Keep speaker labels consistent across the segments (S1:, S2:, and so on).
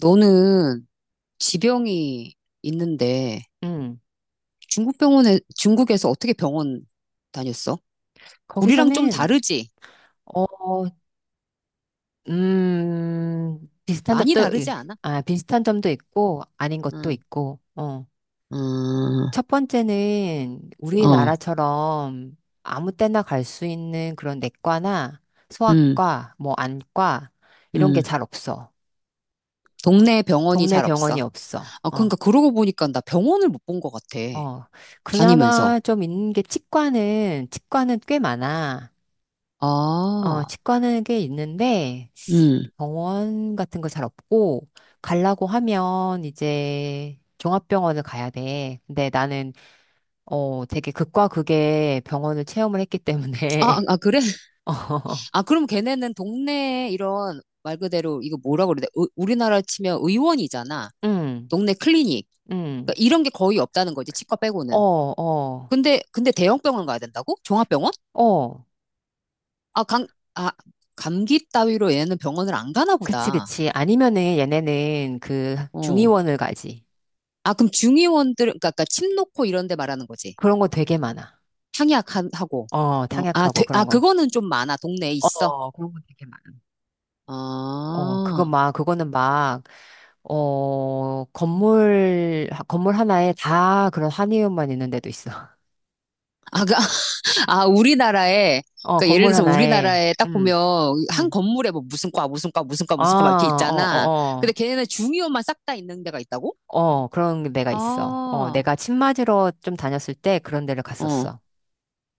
S1: 너는 지병이 있는데
S2: 음,
S1: 중국 병원에, 중국에서 어떻게 병원 다녔어? 우리랑 좀
S2: 거기서는,
S1: 다르지?
S2: 어, 음, 비슷한
S1: 많이
S2: 점도,
S1: 다르지 않아?
S2: 아, 비슷한 점도 있고, 아닌 것도
S1: 응,
S2: 있고, 어.
S1: 음,
S2: 첫 번째는
S1: 어,
S2: 우리나라처럼 아무 때나 갈 수 있는 그런 내과나
S1: 음,
S2: 소아과, 안과, 이런 게
S1: 음.
S2: 잘 없어.
S1: 동네 병원이
S2: 동네
S1: 잘 없어.
S2: 병원이 없어.
S1: 아, 그러니까 그러고 보니까 나 병원을 못 본 것 같아.
S2: 어.
S1: 다니면서.
S2: 그나마 좀 있는 게 치과는 꽤 많아. 어,
S1: 아,
S2: 치과는 꽤 있는데,
S1: 음.
S2: 병원 같은 거 잘 없고, 가려고 하면 이제 종합병원을 가야 돼. 근데 나는, 어, 되게 극과 극의 병원을 체험을 했기
S1: 아, 아,
S2: 때문에,
S1: 아, 그래?
S2: 어,
S1: 아, 그럼 걔네는 동네 이런 말 그대로 이거 뭐라 그래? 우리나라 치면 의원이잖아.
S2: 응,
S1: 동네 클리닉.
S2: 응,
S1: 그러니까 이런 게 거의 없다는 거지, 치과
S2: 어,
S1: 빼고는.
S2: 어,
S1: 근데 대형병원 가야 된다고? 종합병원?
S2: 어.
S1: 아, 감, 아, 감기 따위로 얘는 병원을 안 가나
S2: 그치,
S1: 보다.
S2: 그치. 아니면은 얘네는 그
S1: 어.
S2: 중의원을 가지.
S1: 아, 그럼 중의원들, 그러니까 침 놓고 이런 데 말하는 거지.
S2: 그런 거 되게 많아.
S1: 향약하고.
S2: 어,
S1: 어,
S2: 탕약하고
S1: 아,
S2: 그런 거.
S1: 그거는 좀 많아. 동네에 있어.
S2: 어, 그런 거 되게 많아. 어, 그거
S1: 아,
S2: 막, 그거는 막, 어, 건물 하나에 다 그런 한의원만 있는 데도 있어.
S1: 아, 그, 아, 우리나라에,
S2: 어,
S1: 그러니까 예를
S2: 건물
S1: 들어서
S2: 하나에,
S1: 우리나라에 딱 보면 한
S2: 음.
S1: 건물에 뭐 무슨 과, 무슨 과, 무슨 과,
S2: 아,
S1: 무슨 과 막 이렇게
S2: 어, 어,
S1: 있잖아. 근데
S2: 어.
S1: 걔네는 중의원만 싹 다 있는 데가 있다고?
S2: 어, 그런 데가 있어. 어,
S1: 아,
S2: 내가 침 맞으러 좀 다녔을 때 그런 데를
S1: 어.
S2: 갔었어.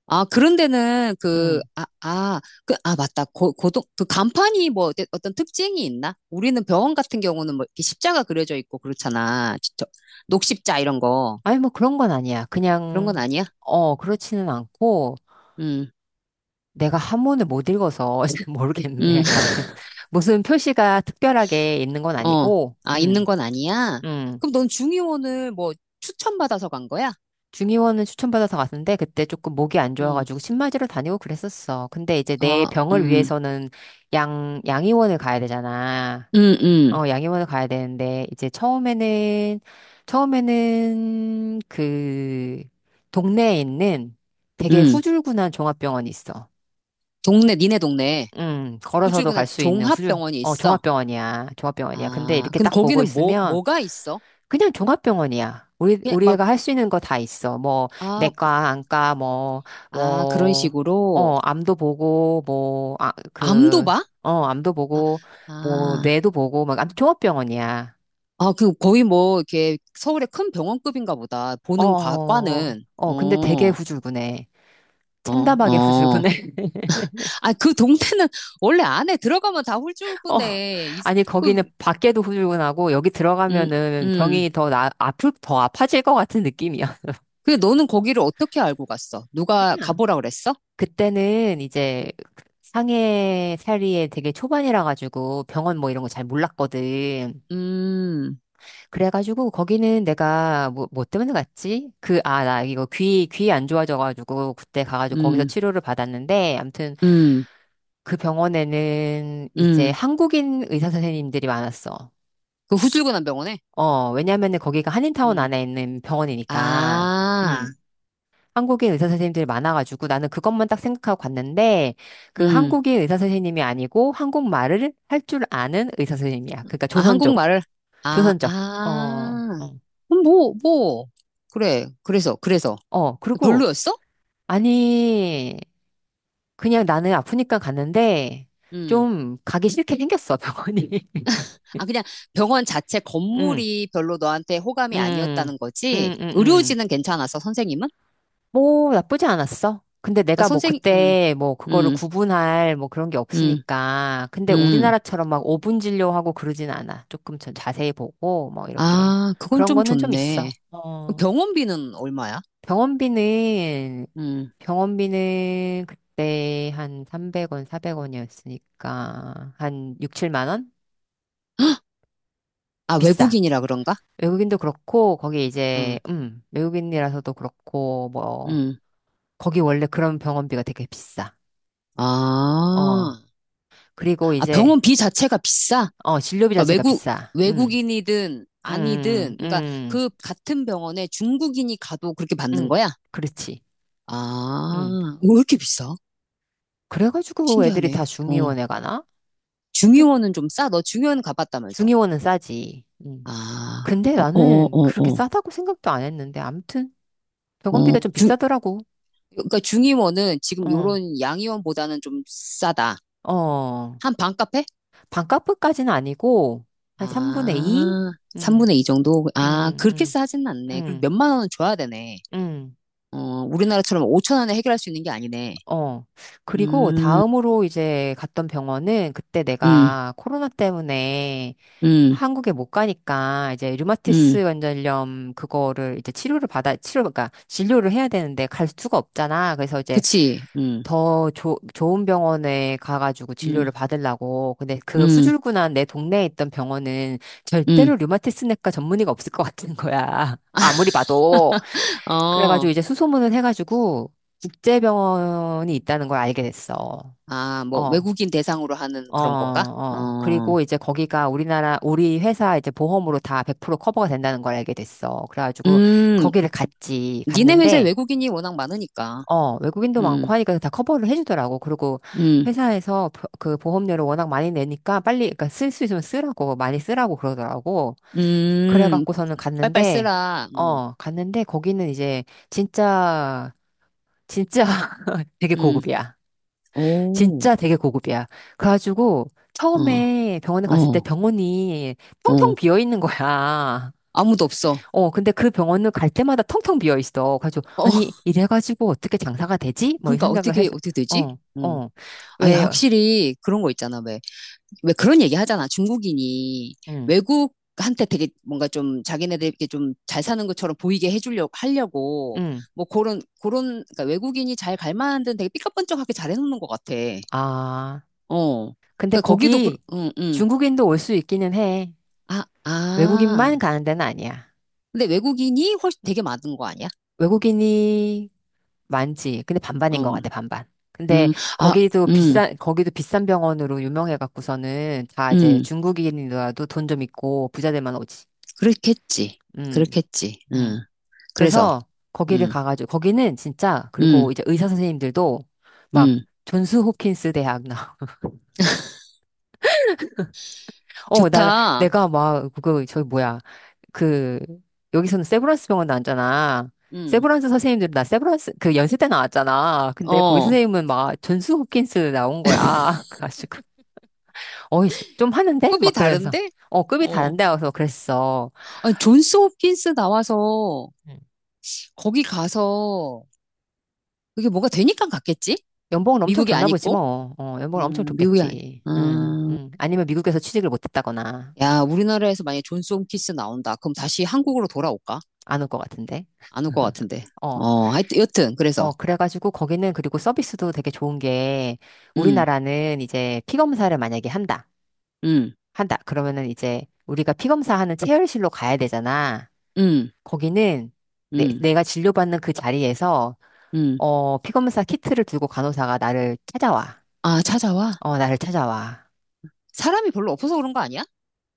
S1: 아, 그런 데는 그,
S2: 음.
S1: 아, 아, 그, 아, 맞다. 그 간판이 뭐 어떤 특징이 있나? 우리는 병원 같은 경우는 뭐 이렇게 십자가 그려져 있고 그렇잖아. 진짜 녹십자 이런 거.
S2: 아니, 뭐 그런 건 아니야.
S1: 그런 건
S2: 그냥,
S1: 아니야?
S2: 어, 그렇지는 않고,
S1: 음,
S2: 내가 한문을 못 읽어서
S1: 음,
S2: 모르겠네. 아무튼, 무슨 표시가 특별하게 있는 건
S1: 어.
S2: 아니고,
S1: 아, 있는 건 아니야?
S2: 음.
S1: 그럼 넌 중의원을 뭐 추천받아서 간 거야?
S2: 중의원은 추천받아서 갔는데 그때 조금 목이 안
S1: 음,
S2: 좋아가지고 신마지로 다니고 그랬었어. 근데 이제 내
S1: 어,
S2: 병을 위해서는 양의원을 가야 되잖아.
S1: 음, 음,
S2: 어, 양의원을 가야 되는데 이제 처음에는 그 동네에 있는 되게
S1: 음.
S2: 후줄근한 종합병원이 있어.
S1: 동네, 니네 동네.
S2: 걸어서도
S1: 후출구나
S2: 갈 수 있는
S1: 종합병원이 있어.
S2: 종합병원이야. 종합병원이야. 근데
S1: 아,
S2: 이렇게
S1: 근데
S2: 딱 보고
S1: 거기는 뭐,
S2: 있으면
S1: 뭐가 있어?
S2: 그냥 종합병원이야.
S1: 그냥 막,
S2: 우리가 할 수 있는 거 다 있어. 뭐,
S1: 아,
S2: 내과, 안과,
S1: 아, 그런
S2: 뭐,
S1: 식으로.
S2: 어, 암도 보고,
S1: 암도 봐?
S2: 어, 암도
S1: 아,
S2: 보고, 뭐,
S1: 아,
S2: 뇌도 보고, 막, 아무튼 종합병원이야.
S1: 아, 그 거의 뭐, 이렇게 서울의 큰 병원급인가 보다. 보는 과, 과는.
S2: 근데 되게
S1: 어,
S2: 후줄근해.
S1: 어,
S2: 참담하게
S1: 어.
S2: 후줄근해.
S1: 아, 그 동네는 원래 안에 들어가면 다
S2: 어,
S1: 홀쭉이네. 이-
S2: 아니,
S1: 그,
S2: 거기는 밖에도 후줄근하고, 여기
S1: 음,
S2: 들어가면은
S1: 음.
S2: 병이 더 나, 아플, 더 아파질 것 같은 느낌이야.
S1: 근데 너는 거기를 어떻게 알고 갔어? 누가
S2: 그냥
S1: 가보라 그랬어?
S2: 그때는 이제 상해 살이에 되게 초반이라 가지고 병원 뭐 이런 거 잘 몰랐거든.
S1: 음,
S2: 그래가지고 거기는 내가 뭐 때문에 갔지? 나 이거 귀 안 좋아져가지고 그때 가가지고 거기서
S1: 음,
S2: 치료를 받았는데 아무튼
S1: 음,
S2: 그 병원에는 이제
S1: 음.
S2: 한국인 의사 선생님들이 많았어.
S1: 그 후줄근한 병원에?
S2: 어, 왜냐면은 거기가 한인타운
S1: 음.
S2: 안에 있는 병원이니까.
S1: 아,
S2: 음. 한국인 의사 선생님들이 많아가지고 나는 그것만 딱 생각하고 갔는데 그
S1: 음.
S2: 한국인 의사 선생님이 아니고 한국말을 할 줄 아는 의사 선생님이야. 그러니까
S1: 아,
S2: 조선족,
S1: 한국말을, 아,
S2: 조선족. 어,
S1: 아,
S2: 어,
S1: 그럼 뭐, 뭐, 그래, 그래서,
S2: 그리고
S1: 별로였어?
S2: 아니 그냥 나는 아프니까 갔는데
S1: 음,
S2: 좀 가기 싫게 생겼어 병원이.
S1: 아, 그냥 병원 자체
S2: 응,
S1: 건물이 별로 너한테 호감이
S2: 응,
S1: 아니었다는 거지?
S2: 응.
S1: 의료진은 괜찮았어, 선생님은?
S2: 뭐 나쁘지 않았어. 근데
S1: 그러니까
S2: 내가 뭐
S1: 선생,
S2: 그때 뭐 그거를
S1: 음,
S2: 구분할 뭐 그런 게
S1: 음,
S2: 없으니까. 근데
S1: 음,
S2: 우리나라처럼 막 5분 진료하고 그러진 않아. 조금 전 자세히 보고 뭐 이렇게.
S1: 아, 그건
S2: 그런
S1: 좀
S2: 거는 좀 있어.
S1: 좋네. 그럼
S2: 어.
S1: 병원비는 얼마야?
S2: 병원비는
S1: 음,
S2: 병원비는 그때 한 300원, 400원이었으니까 한 6, 7만 원?
S1: 아,
S2: 비싸.
S1: 외국인이라 그런가?
S2: 외국인도 그렇고 거기
S1: 음,
S2: 이제 외국인이라서도 그렇고 뭐
S1: 음,
S2: 거기 원래 그런 병원비가 되게 비싸. 어.
S1: 아,
S2: 그리고
S1: 아,
S2: 이제,
S1: 병원비 자체가 비싸?
S2: 어, 진료비
S1: 그러니까
S2: 자체가 비싸.
S1: 외국인이든 아니든,
S2: 음,
S1: 그러니까
S2: 음,
S1: 그 같은 병원에 중국인이 가도 그렇게
S2: 음,
S1: 받는
S2: 음.
S1: 거야?
S2: 그렇지. 음.
S1: 아, 왜 이렇게 비싸?
S2: 그래가지고 애들이 다
S1: 신기하네. 어.
S2: 중의원에 가나? 아무튼, 그-
S1: 중의원은 좀 싸? 너 중의원 가봤다면서.
S2: 중의원은 싸지. 음.
S1: 아,
S2: 근데
S1: 어, 어,
S2: 나는
S1: 어,
S2: 그렇게
S1: 어.
S2: 싸다고 생각도 안 했는데, 아무튼, 병원비가
S1: 어,
S2: 좀 비싸더라고.
S1: 그러니까 중의원은 지금
S2: 어,
S1: 요런 양의원보다는 좀 싸다.
S2: 어.
S1: 한 반값에?
S2: 반값까지는 아니고, 한 3분의 2?
S1: 아,
S2: 음,
S1: 3분의 2 정도? 아,
S2: 음,
S1: 그렇게
S2: 음,
S1: 싸진 않네. 그럼
S2: 음,
S1: 몇만 원은 줘야 되네.
S2: 음.
S1: 어, 우리나라처럼 5천 원에 해결할 수 있는 게 아니네.
S2: 어. 그리고
S1: 음,
S2: 다음으로 이제 갔던 병원은 그때
S1: 음.
S2: 내가 코로나 때문에
S1: 음,
S2: 한국에 못 가니까 이제
S1: 음,
S2: 류마티스 관절염 그거를 이제 그러니까 진료를 해야 되는데 갈 수가 없잖아. 그래서 이제
S1: 그치,
S2: 좋은 병원에 가가지고 진료를
S1: 음,
S2: 받으려고. 근데 그
S1: 음,
S2: 후줄근한 내 동네에 있던 병원은
S1: 음,
S2: 절대로 류마티스 내과 전문의가 없을 것 같은 거야. 아무리 봐도.
S1: 어,
S2: 그래가지고 이제 수소문을 해가지고 국제병원이 있다는 걸 알게 됐어.
S1: 아, 뭐,
S2: 어,
S1: 외국인 대상으로 하는 그런 건가? 어,
S2: 그리고 이제 거기가 우리나라, 우리 회사 이제 보험으로 다 100% 커버가 된다는 걸 알게 됐어. 그래가지고
S1: 음,
S2: 거기를 갔지.
S1: 니네 회사에
S2: 갔는데,
S1: 외국인이 워낙 많으니까,
S2: 어, 외국인도
S1: 음,
S2: 많고 하니까 다 커버를 해주더라고. 그리고
S1: 음,
S2: 회사에서 그 보험료를 워낙 많이 내니까 빨리, 그러니까 쓸 수 있으면 쓰라고, 많이 쓰라고 그러더라고.
S1: 음,
S2: 그래갖고서는
S1: 빨빨
S2: 갔는데,
S1: 쓰라,
S2: 어, 갔는데 거기는 이제 진짜 진짜 되게
S1: 음,
S2: 고급이야.
S1: 오,
S2: 진짜 되게 고급이야. 그래가지고
S1: 어,
S2: 처음에 병원에 갔을 때
S1: 어,
S2: 병원이
S1: 어,
S2: 텅텅 비어 있는 거야.
S1: 아무도 없어.
S2: 어, 근데 그 병원은 갈 때마다 텅텅 비어 있어. 그래가지고
S1: 어,
S2: 아니 이래가지고 어떻게 장사가 되지? 뭐 이
S1: 그러니까
S2: 생각을
S1: 어떻게,
S2: 해서
S1: 어떻게 되지?
S2: 어,
S1: 음,
S2: 어,
S1: 아,
S2: 왜?
S1: 확실히 그런 거 있잖아, 왜. 왜 그런 얘기 하잖아. 중국인이
S2: 응,
S1: 외국한테 되게 뭔가 좀 자기네들 이렇게 좀 잘 사는 것처럼 보이게 해주려고 하려고
S2: 응.
S1: 뭐 그런 그러니까 외국인이 잘 갈 만한 데는 되게 삐까뻔쩍하게 잘 해놓는 것 같아.
S2: 아,
S1: 어.
S2: 근데
S1: 그러니까 거기도 그,
S2: 거기
S1: 응, 응.
S2: 중국인도 올 수 있기는 해.
S1: 아, 아.
S2: 외국인만 가는 데는 아니야.
S1: 근데 외국인이 훨씬 되게 많은 거 아니야?
S2: 외국인이 많지. 근데 반반인 것
S1: 음,
S2: 같아, 반반. 근데
S1: 음, 아, 음,
S2: 거기도 비싼 병원으로 유명해 갖고서는 다 이제
S1: 음.
S2: 중국인이라도 돈 좀 있고 부자들만 오지.
S1: 그렇겠지.
S2: 음,
S1: 그렇겠지.
S2: 음.
S1: 그래서,
S2: 그래서 거기를
S1: 음,
S2: 가가지고, 거기는 진짜,
S1: 음,
S2: 그리고 이제 의사 선생님들도 막
S1: 음.
S2: 존스 호킨스 대학 어, 나,
S1: 좋다.
S2: 내가 막, 그, 저기 뭐야. 그, 여기서는 세브란스 병원 나왔잖아.
S1: 음,
S2: 세브란스 선생님들, 나 세브란스, 그 연세 때 나왔잖아. 근데 거기
S1: 어.
S2: 선생님은 막 존스 홉킨스 나온 거야. 그래가지고, 어이, 좀 하는데?
S1: 급이
S2: 막 그러면서,
S1: 다른데?
S2: 어, 급이
S1: 어.
S2: 다른데? 와서 그랬어.
S1: 아니, 존스 홉킨스 나와서
S2: 음.
S1: 거기 가서 그게 뭐가 되니까 갔겠지?
S2: 연봉은 엄청
S1: 미국이
S2: 줬나 보지
S1: 아니고?
S2: 뭐. 어, 연봉은 엄청
S1: 미국이 아니.
S2: 줬겠지. 응,
S1: 음,
S2: 응. 아니면 미국에서 취직을 못 했다거나,
S1: 야, 우리나라에서 만약에 존스 홉킨스 나온다. 그럼 다시 한국으로 돌아올까?
S2: 안 올 것 같은데.
S1: 안 올 것 같은데.
S2: 어.
S1: 어, 하여튼, 여튼, 그래서.
S2: 어, 그래가지고 거기는 그리고 서비스도 되게 좋은 게
S1: 음,
S2: 우리나라는 이제 피 검사를 만약에 한다.
S1: 음,
S2: 한다. 그러면은 이제 우리가 피 검사하는 체열실로 가야 되잖아.
S1: 음,
S2: 거기는
S1: 음,
S2: 가 진료받는 그 자리에서
S1: 음.
S2: 어, 피 검사 키트를 들고 간호사가 나를 찾아와.
S1: 아, 찾아와?
S2: 어, 나를 찾아와.
S1: 사람이 별로 없어서 그런 거 아니야?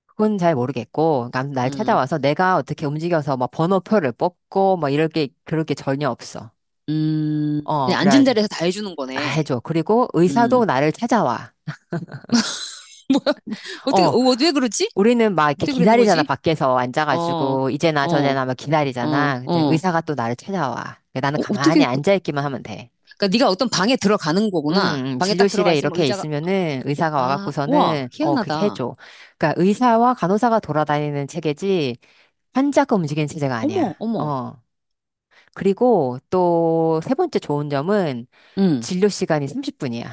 S2: 그건 잘 모르겠고, 날
S1: 음,
S2: 찾아와서 내가 어떻게 움직여서 막 번호표를 뽑고 뭐 이럴 게 그럴 게 전혀 없어. 어,
S1: 그냥 앉은
S2: 그래.
S1: 자리에서 다 해주는
S2: 나
S1: 거네.
S2: 해줘. 그리고
S1: 음.
S2: 의사도 나를 찾아와.
S1: 뭐야? 어떻게,
S2: 어,
S1: 어, 왜 그러지?
S2: 우리는 막 이렇게
S1: 어떻게 그러는
S2: 기다리잖아,
S1: 거지?
S2: 밖에서
S1: 어, 어,
S2: 앉아가지고, 이제나
S1: 어,
S2: 저제나 막 기다리잖아. 근데
S1: 어.
S2: 의사가 또 나를 찾아와. 근데 나는
S1: 어, 어떻게,
S2: 가만히
S1: 그-
S2: 앉아있기만 하면 돼.
S1: 그러니까 네가 어떤 방에 들어가는
S2: 음,
S1: 거구나. 방에 딱 들어가
S2: 진료실에
S1: 있으면
S2: 이렇게
S1: 의자가,
S2: 있으면은 의사가
S1: 아, 와,
S2: 와갖고서는, 어, 그렇게
S1: 희한하다.
S2: 해줘. 그러니까 의사와 간호사가 돌아다니는 체계지, 환자가 움직이는 체제가
S1: 어머,
S2: 아니야.
S1: 어머.
S2: 어. 그리고 또 세 번째 좋은 점은
S1: 응.
S2: 진료 시간이 30분이야.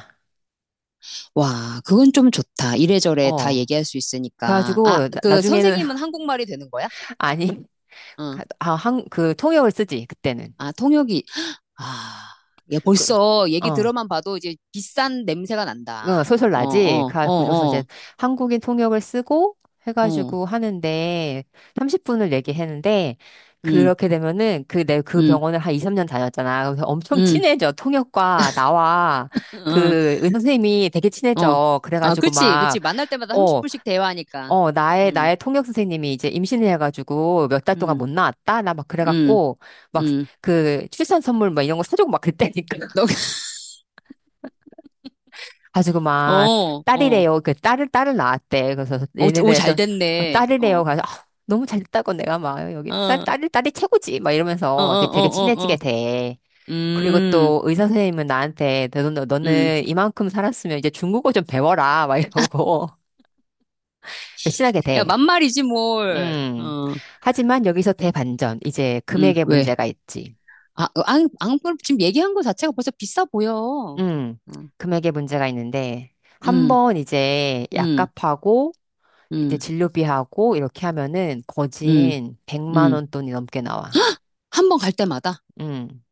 S1: 와, 그건 좀 좋다. 이래저래 다
S2: 어.
S1: 얘기할 수 있으니까. 아,
S2: 그래가지고,
S1: 그
S2: 나중에는,
S1: 선생님은 한국말이 되는 거야?
S2: 아니,
S1: 응.
S2: 그 통역을 쓰지, 그때는.
S1: 아, 통역이. 아, 야,
S2: 그,
S1: 벌써 얘기
S2: 어.
S1: 들어만 봐도 이제 비싼 냄새가 난다.
S2: 어,
S1: 어,
S2: 소설나지?
S1: 어, 어,
S2: 그래가지고서
S1: 어,
S2: 이제 한국인 통역을 쓰고
S1: 어.
S2: 해가지고 하는데 30분을 얘기했는데
S1: 응,
S2: 그렇게 되면은 그 내 그
S1: 응,
S2: 병원을 한 2, 3년 다녔잖아. 그래서 엄청
S1: 응,
S2: 친해져. 통역과 나와
S1: 응.
S2: 그 의사 선생님이 되게
S1: 어.
S2: 친해져.
S1: 아,
S2: 그래가지고
S1: 그치, 그치.
S2: 막
S1: 만날 때마다
S2: 어,
S1: 30분씩 대화하니까.
S2: 나의
S1: 음,
S2: 나의 통역 선생님이 이제 임신을 해가지고 몇 달 동안
S1: 음,
S2: 못 나왔다. 나 막
S1: 음,
S2: 그래갖고 막
S1: 음.
S2: 그 출산 선물 막 이런 거 사주고 막 그랬다니까.
S1: 너,
S2: 가지고 막
S1: 어, 어.
S2: 딸이래요. 딸을 낳았대. 그래서
S1: 오, 오,
S2: 얘네들 또
S1: 잘
S2: 어,
S1: 됐네. 어,
S2: 딸이래요. 가서 아, 너무 잘 됐다고 내가 막 여기 딸
S1: 어, 어,
S2: 딸이 딸이 최고지. 막
S1: 어, 어,
S2: 이러면서 이렇게 되게
S1: 어. 어.
S2: 친해지게 돼. 그리고
S1: 음,
S2: 또 의사 선생님은 나한테
S1: 음.
S2: 너는 이만큼 살았으면 이제 중국어 좀 배워라 막 이러고 친하게
S1: 야,
S2: 돼.
S1: 만말이지, 뭘.
S2: 음.
S1: 어,
S2: 하지만 여기서 대반전. 이제 금액의
S1: 왜?
S2: 문제가 있지.
S1: 아, 어, 앙, 앙, 지금 얘기한 거 자체가 벌써 비싸 보여. 어,
S2: 음.
S1: 음,
S2: 금액의 문제가 있는데 한
S1: 음,
S2: 번 이제 약값하고 이제
S1: 음,
S2: 진료비하고 이렇게 하면은
S1: 음,
S2: 거진 100만
S1: 음.
S2: 원 돈이 넘게 나와.
S1: 한 번 갈 때마다?
S2: 음.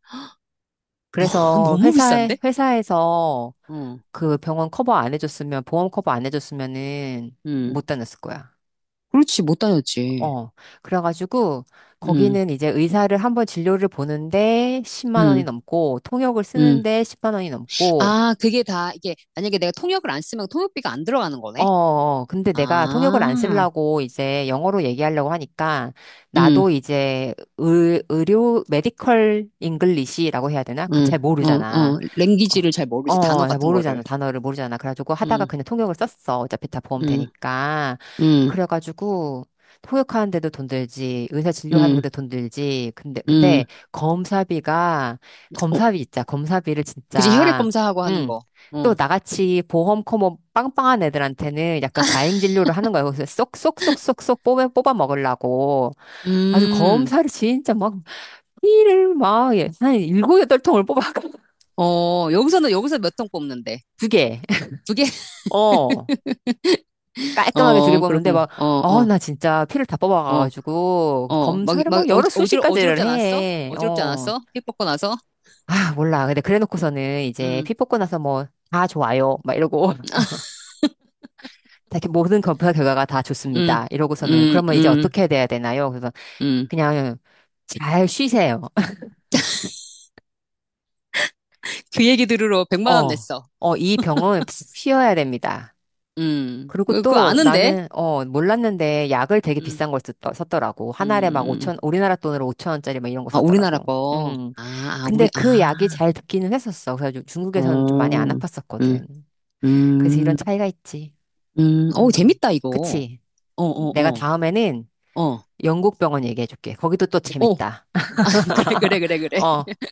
S2: 그래서
S1: 너무 비싼데?
S2: 회사에서
S1: 어,
S2: 그 병원 커버 안 해줬으면, 보험 커버 안 해줬으면은
S1: 음.
S2: 못 다녔을 거야.
S1: 그렇지, 못 다녔지.
S2: 어. 그래가지고
S1: 음,
S2: 거기는 이제 의사를 한번 진료를 보는데 10만 원이
S1: 음,
S2: 넘고, 통역을
S1: 음.
S2: 쓰는데 10만 원이 넘고,
S1: 아, 그게 다, 이게, 만약에 내가 통역을 안 쓰면 통역비가 안 들어가는 거네?
S2: 근데 내가 통역을 안
S1: 아,
S2: 쓰려고 이제 영어로 얘기하려고 하니까
S1: 응,
S2: 나도 이제 의료, 메디컬 잉글리시라고 해야 되나? 그
S1: 응,
S2: 잘
S1: 어,
S2: 모르잖아.
S1: 어, 랭귀지를 잘
S2: 어,
S1: 모르지, 단어
S2: 잘
S1: 같은 거를.
S2: 모르잖아. 단어를 모르잖아. 그래가지고 하다가
S1: 응,
S2: 그냥 통역을 썼어. 어차피 다 보험
S1: 응,
S2: 되니까.
S1: 응,
S2: 그래가지고 통역하는데도 돈 들지, 의사
S1: 응,
S2: 진료하는데도 돈 들지.
S1: 응.
S2: 근데 검사비가,
S1: 어,
S2: 검사비 있자. 검사비를
S1: 그지, 혈액
S2: 진짜.
S1: 검사하고 하는
S2: 응.
S1: 거.
S2: 또
S1: 어,
S2: 나같이 보험 커머 빵빵한 애들한테는 약간 과잉 진료를 하는 거예요. 그래서 쏙쏙쏙쏙쏙 뽑아 먹으려고 아주
S1: 음,
S2: 검사를 진짜 막 피를 막, 예, 한 일곱, 여덟 통을 뽑아.
S1: 어, 여기서 몇 통 뽑는데?
S2: 두 개.
S1: 두 개?
S2: 어. 깔끔하게 두 개
S1: 어,
S2: 뽑는데
S1: 그렇구만.
S2: 막,
S1: 어,
S2: 어,
S1: 어,
S2: 나 진짜 피를 다
S1: 어,
S2: 뽑아가가지고
S1: 어, 막,
S2: 검사를
S1: 막,
S2: 막
S1: 어,
S2: 여러 수십
S1: 어지럽지
S2: 가지를
S1: 않았어?
S2: 해.
S1: 어지럽지
S2: 어.
S1: 않았어? 피 뽑고 나서?
S2: 아, 몰라. 근데 그래 놓고서는 이제
S1: 응,
S2: 피 뽑고 나서 뭐, 다 좋아요. 막 이러고. 다 이렇게 모든 검사 결과가 다
S1: 응,
S2: 좋습니다. 이러고서는
S1: 응,
S2: 그러면 이제
S1: 응,
S2: 어떻게 돼야 되나요? 그래서
S1: 응.
S2: 그냥 잘 쉬세요.
S1: 그 얘기 들으러 백만 원
S2: 어,
S1: 냈어.
S2: 이 병은 푹 쉬어야 됩니다.
S1: 음,
S2: 그리고
S1: 왜 그거
S2: 또
S1: 아는데?
S2: 나는, 어, 몰랐는데 약을 되게
S1: 음,
S2: 비싼 걸 썼더라고. 한 알에 막 오
S1: 음.
S2: 천 우리나라 돈으로 5천 원짜리 막 이런 거
S1: 아, 우리나라
S2: 썼더라고.
S1: 거.
S2: 음.
S1: 아, 아, 우리,
S2: 근데 그 약이
S1: 아,
S2: 잘 듣기는 했었어. 그래서 좀 중국에서는 좀 많이 안
S1: 어, 음,
S2: 아팠었거든. 그래서 이런
S1: 음,
S2: 차이가 있지.
S1: 어,
S2: 음.
S1: 재밌다, 이거.
S2: 그치.
S1: 어, 어,
S2: 내가
S1: 어,
S2: 다음에는
S1: 어,
S2: 영국 병원 얘기해 줄게. 거기도 또
S1: 어.
S2: 재밌다.
S1: 그래, 그래, 그래, 그래.
S2: 어.